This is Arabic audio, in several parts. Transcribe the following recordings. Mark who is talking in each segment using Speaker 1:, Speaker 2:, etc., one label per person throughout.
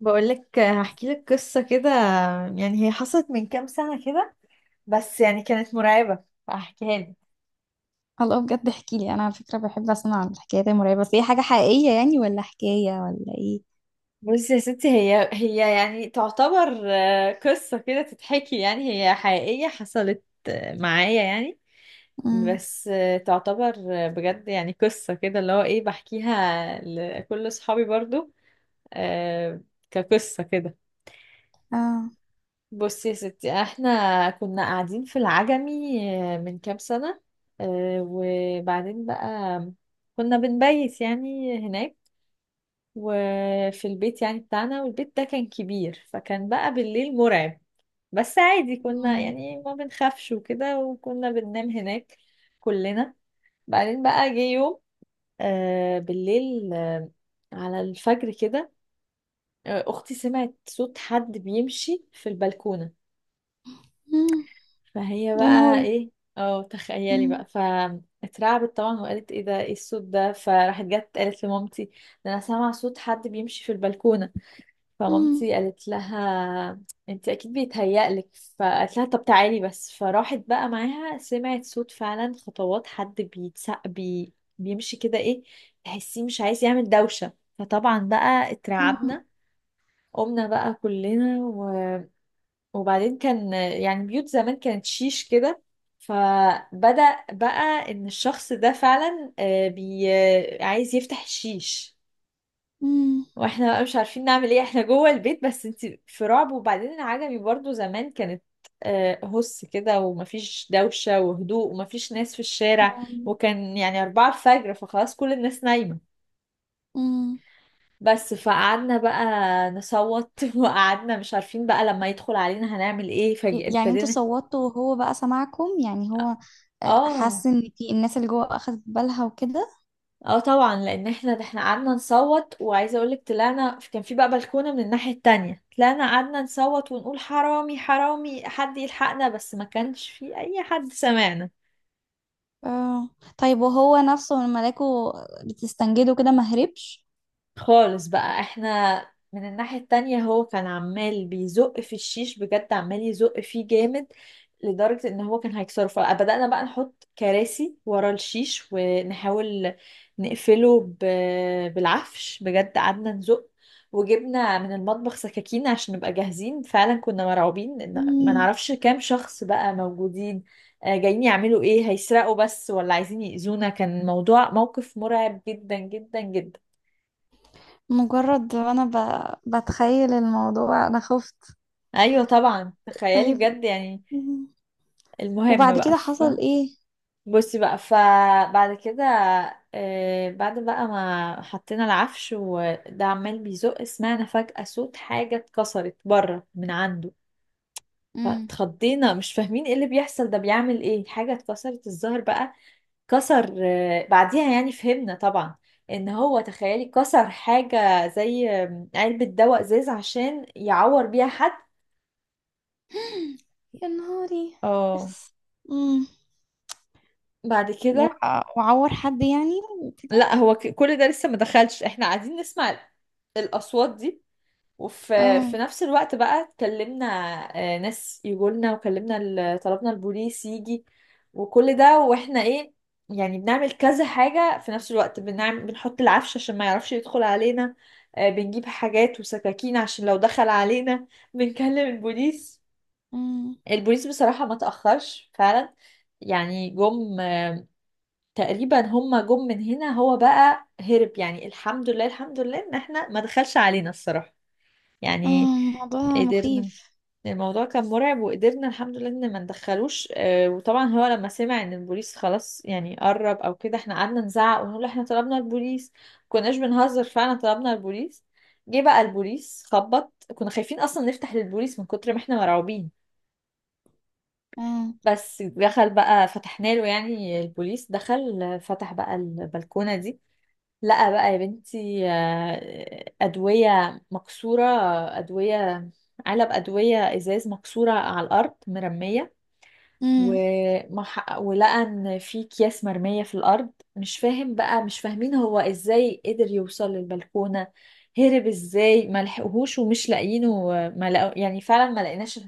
Speaker 1: بقولك، هحكي لك قصة كده. يعني هي حصلت من كام سنة كده، بس يعني كانت مرعبة فهحكيها لك.
Speaker 2: الله، بجد احكي لي، انا على فكره بحب اسمع الحكايات المرعبه، بس هي حاجه حقيقيه يعني ولا حكايه ولا ايه؟
Speaker 1: بصي يا ستي، هي يعني تعتبر قصة كده تتحكي. يعني هي حقيقية حصلت معايا يعني.
Speaker 2: امم.
Speaker 1: بس تعتبر. بجد يعني قصة كده اللي هو ايه، بحكيها لكل صحابي برضو. آه، كقصة كده.
Speaker 2: اه.
Speaker 1: بصي يا ستي، احنا كنا قاعدين في العجمي من كام سنة. وبعدين بقى كنا بنبيت يعني هناك. وفي البيت يعني بتاعنا، والبيت ده كان كبير، فكان بقى بالليل مرعب. بس عادي كنا
Speaker 2: امم.
Speaker 1: يعني ما بنخافش وكده، وكنا بننام هناك كلنا. بعدين بقى جه يوم آه، بالليل آه، على الفجر كده. اختي سمعت صوت حد بيمشي في البلكونة.
Speaker 2: امم.
Speaker 1: فهي
Speaker 2: يا
Speaker 1: بقى
Speaker 2: نهاري!
Speaker 1: ايه؟ اه تخيلي
Speaker 2: امم.
Speaker 1: بقى، فاترعبت طبعا وقالت ايه ده، ايه الصوت ده، فراحت جت قالت لمامتي: ده انا سامعه صوت حد بيمشي في البلكونه.
Speaker 2: امم.
Speaker 1: فمامتي قالت لها: انت اكيد بيتهيألك. فقالت لها: طب تعالي بس. فراحت بقى معاها، سمعت صوت فعلا، خطوات حد بيتسق بي، بيمشي كده ايه، تحسيه مش عايز يعمل دوشه. فطبعا بقى
Speaker 2: امم.
Speaker 1: اترعبنا، قمنا بقى كلنا. وبعدين كان يعني بيوت زمان كانت شيش كده، فبدأ بقى ان الشخص ده فعلا آه، بي آه، عايز يفتح الشيش.
Speaker 2: امم.
Speaker 1: واحنا بقى مش عارفين نعمل ايه، احنا جوه البيت بس انت في رعب. وبعدين العجمي برضو زمان كانت هس كده، ومفيش دوشة وهدوء، ومفيش ناس في الشارع،
Speaker 2: آم.
Speaker 1: وكان يعني أربعة الفجر، فخلاص كل الناس نايمة.
Speaker 2: أمم.
Speaker 1: بس فقعدنا بقى نصوت وقعدنا مش عارفين بقى لما يدخل علينا هنعمل ايه،
Speaker 2: يعني انتوا
Speaker 1: فابتدينا.
Speaker 2: صوتوا وهو بقى سمعكم؟ يعني هو
Speaker 1: اه،
Speaker 2: حس ان في الناس اللي جوه اخذت بالها وكده.
Speaker 1: اه، طبعا، لان احنا ده احنا قعدنا نصوت. وعايزه اقولك، طلعنا، كان في بقى بلكونه من الناحيه التانية، طلعنا قعدنا نصوت ونقول حرامي حرامي، حد يلحقنا، بس ما كانش في اي حد سمعنا.
Speaker 2: اه. طيب، وهو نفسه لما لقوا بتستنجده كده ما هربش؟
Speaker 1: خالص بقى. احنا من الناحية التانية، هو كان عمال بيزق في الشيش بجد، عمال يزق فيه جامد، لدرجة ان هو كان هيكسره. فبدأنا بقى نحط كراسي ورا الشيش ونحاول نقفله بالعفش. بجد قعدنا نزق، وجبنا من المطبخ سكاكين عشان نبقى جاهزين. فعلا كنا مرعوبين ان ما
Speaker 2: مم.
Speaker 1: نعرفش كام شخص بقى موجودين، جايين يعملوا ايه، هيسرقوا بس ولا عايزين يأذونا. كان موقف مرعب جدا جدا جدا.
Speaker 2: مجرد انا بتخيل الموضوع انا خفت.
Speaker 1: ايوه طبعا تخيلي
Speaker 2: طيب،
Speaker 1: بجد يعني. المهم
Speaker 2: وبعد
Speaker 1: بقى
Speaker 2: كده حصل ايه؟
Speaker 1: بصي بقى، فبعد كده بعد بقى ما حطينا العفش وده عمال بيزق، سمعنا فجأة صوت حاجة اتكسرت بره من عنده.
Speaker 2: امم.
Speaker 1: فاتخضينا، مش فاهمين ايه اللي بيحصل، ده بيعمل ايه، حاجة اتكسرت. الظهر بقى كسر بعديها يعني فهمنا طبعا ان هو تخيلي كسر حاجة زي علبة دواء ازاز عشان يعور بيها حد.
Speaker 2: يا نهاري!
Speaker 1: اه،
Speaker 2: اخس. امم.
Speaker 1: بعد كده.
Speaker 2: وعور حد يعني وكده؟
Speaker 1: لا، هو كل ده لسه ما دخلش، احنا قاعدين نسمع الاصوات دي. وفي
Speaker 2: اه.
Speaker 1: في نفس الوقت بقى اتكلمنا ناس يقولنا، وكلمنا طلبنا البوليس يجي. وكل ده واحنا ايه، يعني بنعمل كذا حاجة في نفس الوقت: بنحط العفش عشان ما يعرفش يدخل علينا، بنجيب حاجات وسكاكين عشان لو دخل علينا، بنكلم البوليس.
Speaker 2: امم.
Speaker 1: البوليس بصراحة ما تأخرش فعلا. يعني جم. تقريبا هما جم من هنا، هو بقى هرب. يعني الحمد لله، الحمد لله ان احنا ما دخلش علينا الصراحة
Speaker 2: اه.
Speaker 1: يعني.
Speaker 2: موضوع
Speaker 1: قدرنا.
Speaker 2: مخيف.
Speaker 1: الموضوع كان مرعب، وقدرنا الحمد لله ان ما ندخلوش وطبعا هو لما سمع ان البوليس خلاص يعني قرب او كده، احنا قعدنا نزعق ونقول احنا طلبنا البوليس، كناش بنهزر، فعلا طلبنا البوليس. جه بقى البوليس، خبط، كنا خايفين اصلا نفتح للبوليس من كتر ما احنا مرعوبين.
Speaker 2: اه.
Speaker 1: بس دخل بقى، فتحنا له. يعني البوليس دخل، فتح بقى البلكونة دي. لا بقى يا بنتي، أدوية مكسورة. أدوية، علب أدوية إزاز مكسورة على الأرض مرمية.
Speaker 2: امم.
Speaker 1: ولقى إن في أكياس مرمية في الأرض. مش فاهمين هو إزاي قدر يوصل للبلكونة، هرب إزاي، ما لحقوهوش ومش لاقيينه. ما لقو... يعني فعلا ما لقيناش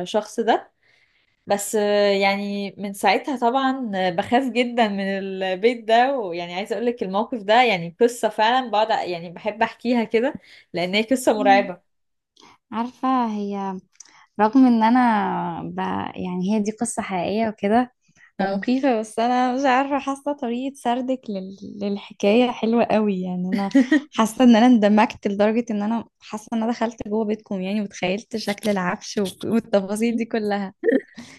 Speaker 1: الشخص ده. بس يعني من ساعتها طبعا بخاف جدا من البيت ده. ويعني عايزه اقول لك، الموقف ده يعني قصه فعلا بقعد يعني بحب احكيها كده، لان هي قصه
Speaker 2: امم.
Speaker 1: مرعبه.
Speaker 2: عارفة هي، رغم ان انا ب... يعني هي دي قصة حقيقية وكده
Speaker 1: اه.
Speaker 2: مخيفة، بس أنا مش عارفة، حاسة طريقة سردك للحكاية حلوة قوي، يعني أنا حاسة إن أنا اندمجت لدرجة إن أنا حاسة إن أنا دخلت جوه بيتكم يعني، وتخيلت شكل العفش والتفاصيل دي كلها.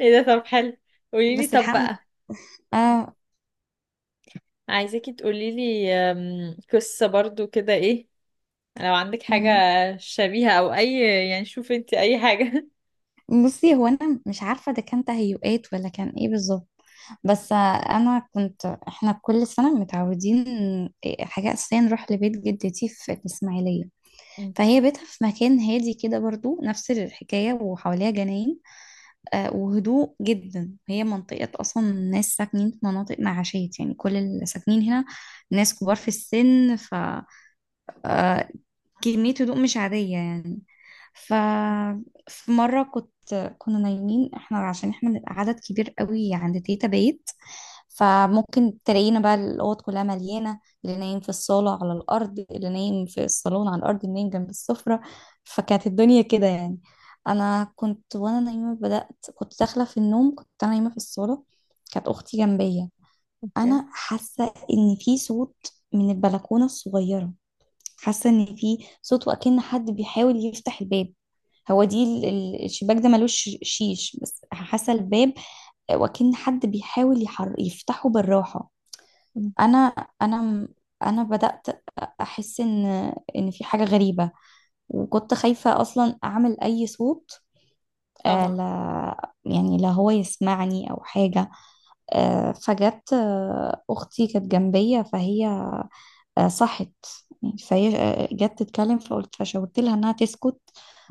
Speaker 1: ايه ده، طب حلو. قولي لي
Speaker 2: بس
Speaker 1: طب
Speaker 2: الحق.
Speaker 1: بقى.
Speaker 2: آه.
Speaker 1: عايزاكي تقولي لي قصه برضو كده، ايه لو عندك حاجه
Speaker 2: مم.
Speaker 1: شبيهه او اي، يعني شوفي انت اي حاجه.
Speaker 2: بصي، هو أنا مش عارفة ده كان تهيؤات ولا كان إيه بالظبط. بس أنا كنت، إحنا كل سنة متعودين حاجة أساسية نروح لبيت جدتي في الإسماعيلية.
Speaker 1: مم،
Speaker 2: فهي بيتها في مكان هادي كده، برضو نفس الحكاية، وحواليها جناين وهدوء جدا، هي منطقة أصلا ناس ساكنين في مناطق معاشية، يعني كل اللي ساكنين هنا ناس كبار في السن، ف آه، كمية هدوء مش عادية يعني، ف. في مرة كنا نايمين احنا، عشان احنا بنبقى عدد كبير قوي عند تيتا بيت، فممكن تلاقينا بقى الأوض كلها مليانة، اللي نايم في الصالة على الأرض، اللي نايم في الصالون على الأرض، اللي نايم جنب السفرة، فكانت الدنيا كده يعني. أنا كنت وأنا نايمة بدأت، كنت داخلة في النوم، كنت أنا نايمة في الصالة، كانت أختي جنبية.
Speaker 1: اوكي.
Speaker 2: أنا حاسة إن في صوت من البلكونة الصغيرة، حاسة ان في صوت وأكن حد بيحاول يفتح الباب، هو دي الشباك ده ملوش شيش، بس حاسة الباب، وأكن حد بيحاول يفتحه بالراحة.
Speaker 1: مم.
Speaker 2: انا انا م- انا بدأت احس ان في حاجة غريبة، وكنت خايفة اصلا اعمل اي صوت
Speaker 1: طبعا.
Speaker 2: لا يعني لا هو يسمعني او حاجة. فجت اختي كانت جنبية، فهي صحت يعني، فهي جت تتكلم، فشاورت لها انها تسكت،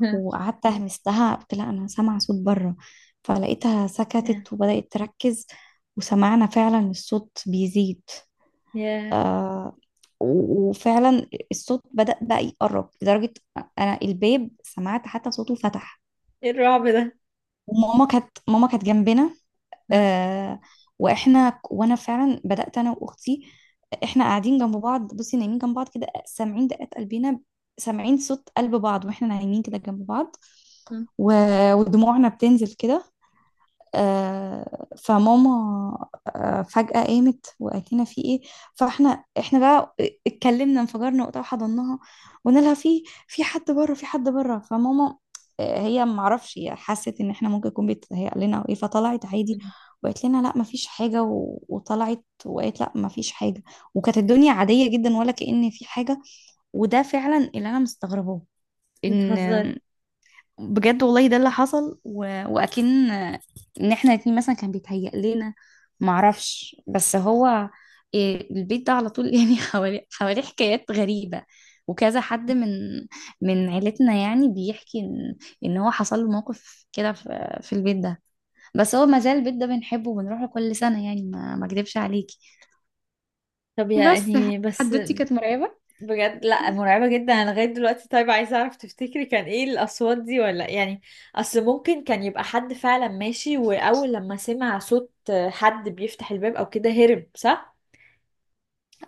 Speaker 1: ها.
Speaker 2: وقعدت اهمستها، قلت لها انا سامعه صوت بره، فلقيتها
Speaker 1: يا،
Speaker 2: سكتت وبدات تركز، وسمعنا فعلا الصوت بيزيد.
Speaker 1: يا،
Speaker 2: آه وفعلا الصوت بدأ بقى يقرب لدرجة أنا الباب سمعت حتى صوته فتح.
Speaker 1: ايه الرعب ده.
Speaker 2: وماما كانت جنبنا.
Speaker 1: مم،
Speaker 2: آه وانا فعلا بدات انا واختي، احنا قاعدين جنب بعض، بصي نايمين جنب بعض كده، سامعين دقات قلبنا، سامعين صوت قلب بعض واحنا نايمين كده جنب بعض
Speaker 1: مم،
Speaker 2: و... ودموعنا بتنزل كده فماما فجأة قامت وقالت لنا في ايه؟ احنا بقى اتكلمنا، انفجرنا وقتها وحضناها، وقلنا لها في حد بره، في حد بره، فماما هي ما اعرفش، هي حست ان احنا ممكن يكون بيتهيأ لنا او ايه، فطلعت عادي،
Speaker 1: مم.
Speaker 2: وقالت لنا لا ما فيش حاجة، وطلعت وقالت لا ما فيش حاجة، وكانت الدنيا عادية جدا، ولا كأن في حاجة. وده فعلا اللي انا مستغرباه،
Speaker 1: بتهزري؟
Speaker 2: ان، بجد والله ده اللي حصل واكن ان احنا الاتنين مثلا كان بيتهيأ لنا، معرفش، بس هو البيت ده على طول يعني حواليه حكايات غريبة. وكذا حد من عيلتنا يعني بيحكي ان هو حصل له موقف كده في البيت ده، بس هو مازال البيت ده بنحبه وبنروح له كل سنة، يعني ما اكدبش عليكي.
Speaker 1: طب
Speaker 2: بس
Speaker 1: يعني بس،
Speaker 2: حدوتي كانت مرعبة.
Speaker 1: بجد لا، مرعبة جدا، انا لغاية دلوقتي. طيب عايزة اعرف، تفتكري كان ايه الاصوات دي، ولا يعني اصل ممكن كان يبقى حد فعلا ماشي، واول لما سمع صوت حد بيفتح الباب او كده هرب، صح؟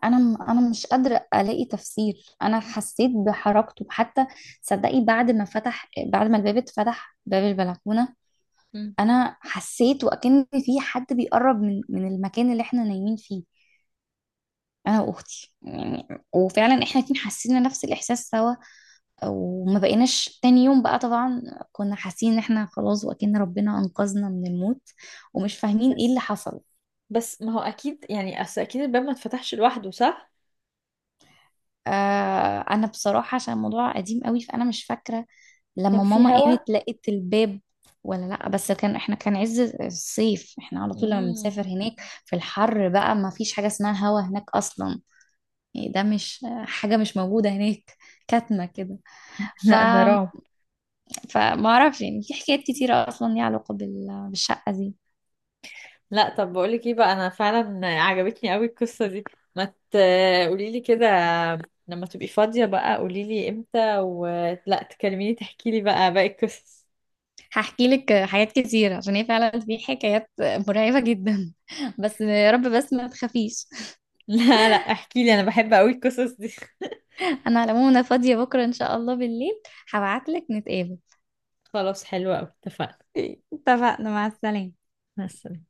Speaker 2: انا مش قادره الاقي تفسير، انا حسيت بحركته حتى، صدقي بعد ما الباب اتفتح باب البلكونه،
Speaker 1: مم.
Speaker 2: انا حسيت وكأن في حد بيقرب من المكان اللي احنا نايمين فيه، انا واختي يعني، وفعلا احنا الاتنين حسينا نفس الاحساس سوا، وما بقيناش تاني يوم بقى طبعا، كنا حاسين ان احنا خلاص وكأن ربنا انقذنا من الموت، ومش فاهمين ايه اللي
Speaker 1: بس
Speaker 2: حصل.
Speaker 1: بس ما هو اكيد يعني، اصل اكيد الباب ما اتفتحش لوحده، صح؟
Speaker 2: انا بصراحه عشان الموضوع قديم قوي فانا مش فاكره
Speaker 1: كان
Speaker 2: لما
Speaker 1: في
Speaker 2: ماما
Speaker 1: هوا.
Speaker 2: قامت لقيت الباب، ولا لا، بس كان، احنا كان عز الصيف، احنا على طول لما
Speaker 1: امم.
Speaker 2: بنسافر هناك في الحر بقى ما فيش حاجة اسمها هوا هناك اصلا، يعني ده مش حاجة، مش موجودة هناك، كاتمة كده. ف
Speaker 1: لا، ده رعب.
Speaker 2: فما اعرفش، يعني في حكايات كتيرة اصلا ليها علاقة بالشقة دي.
Speaker 1: لا، طب بقولك ايه بقى، انا فعلا عجبتني قوي القصة دي. ما تقوليلي كده، لما تبقي فاضية بقى قوليلي امتى، ولا تكلميني تحكيلي بقى باقي القصص.
Speaker 2: هحكي لك حاجات كتيرة، عشان هي فعلا في حكايات مرعبة جدا بس يا رب بس ما تخافيش
Speaker 1: لا لا، احكيلي، انا بحب قوي القصص دي.
Speaker 2: انا على العموم، انا فاضية بكرة ان شاء الله بالليل، هبعت لك نتقابل.
Speaker 1: خلاص، حلوة قوي، اتفقنا.
Speaker 2: اتفقنا، مع السلامة.
Speaker 1: مع السلامة.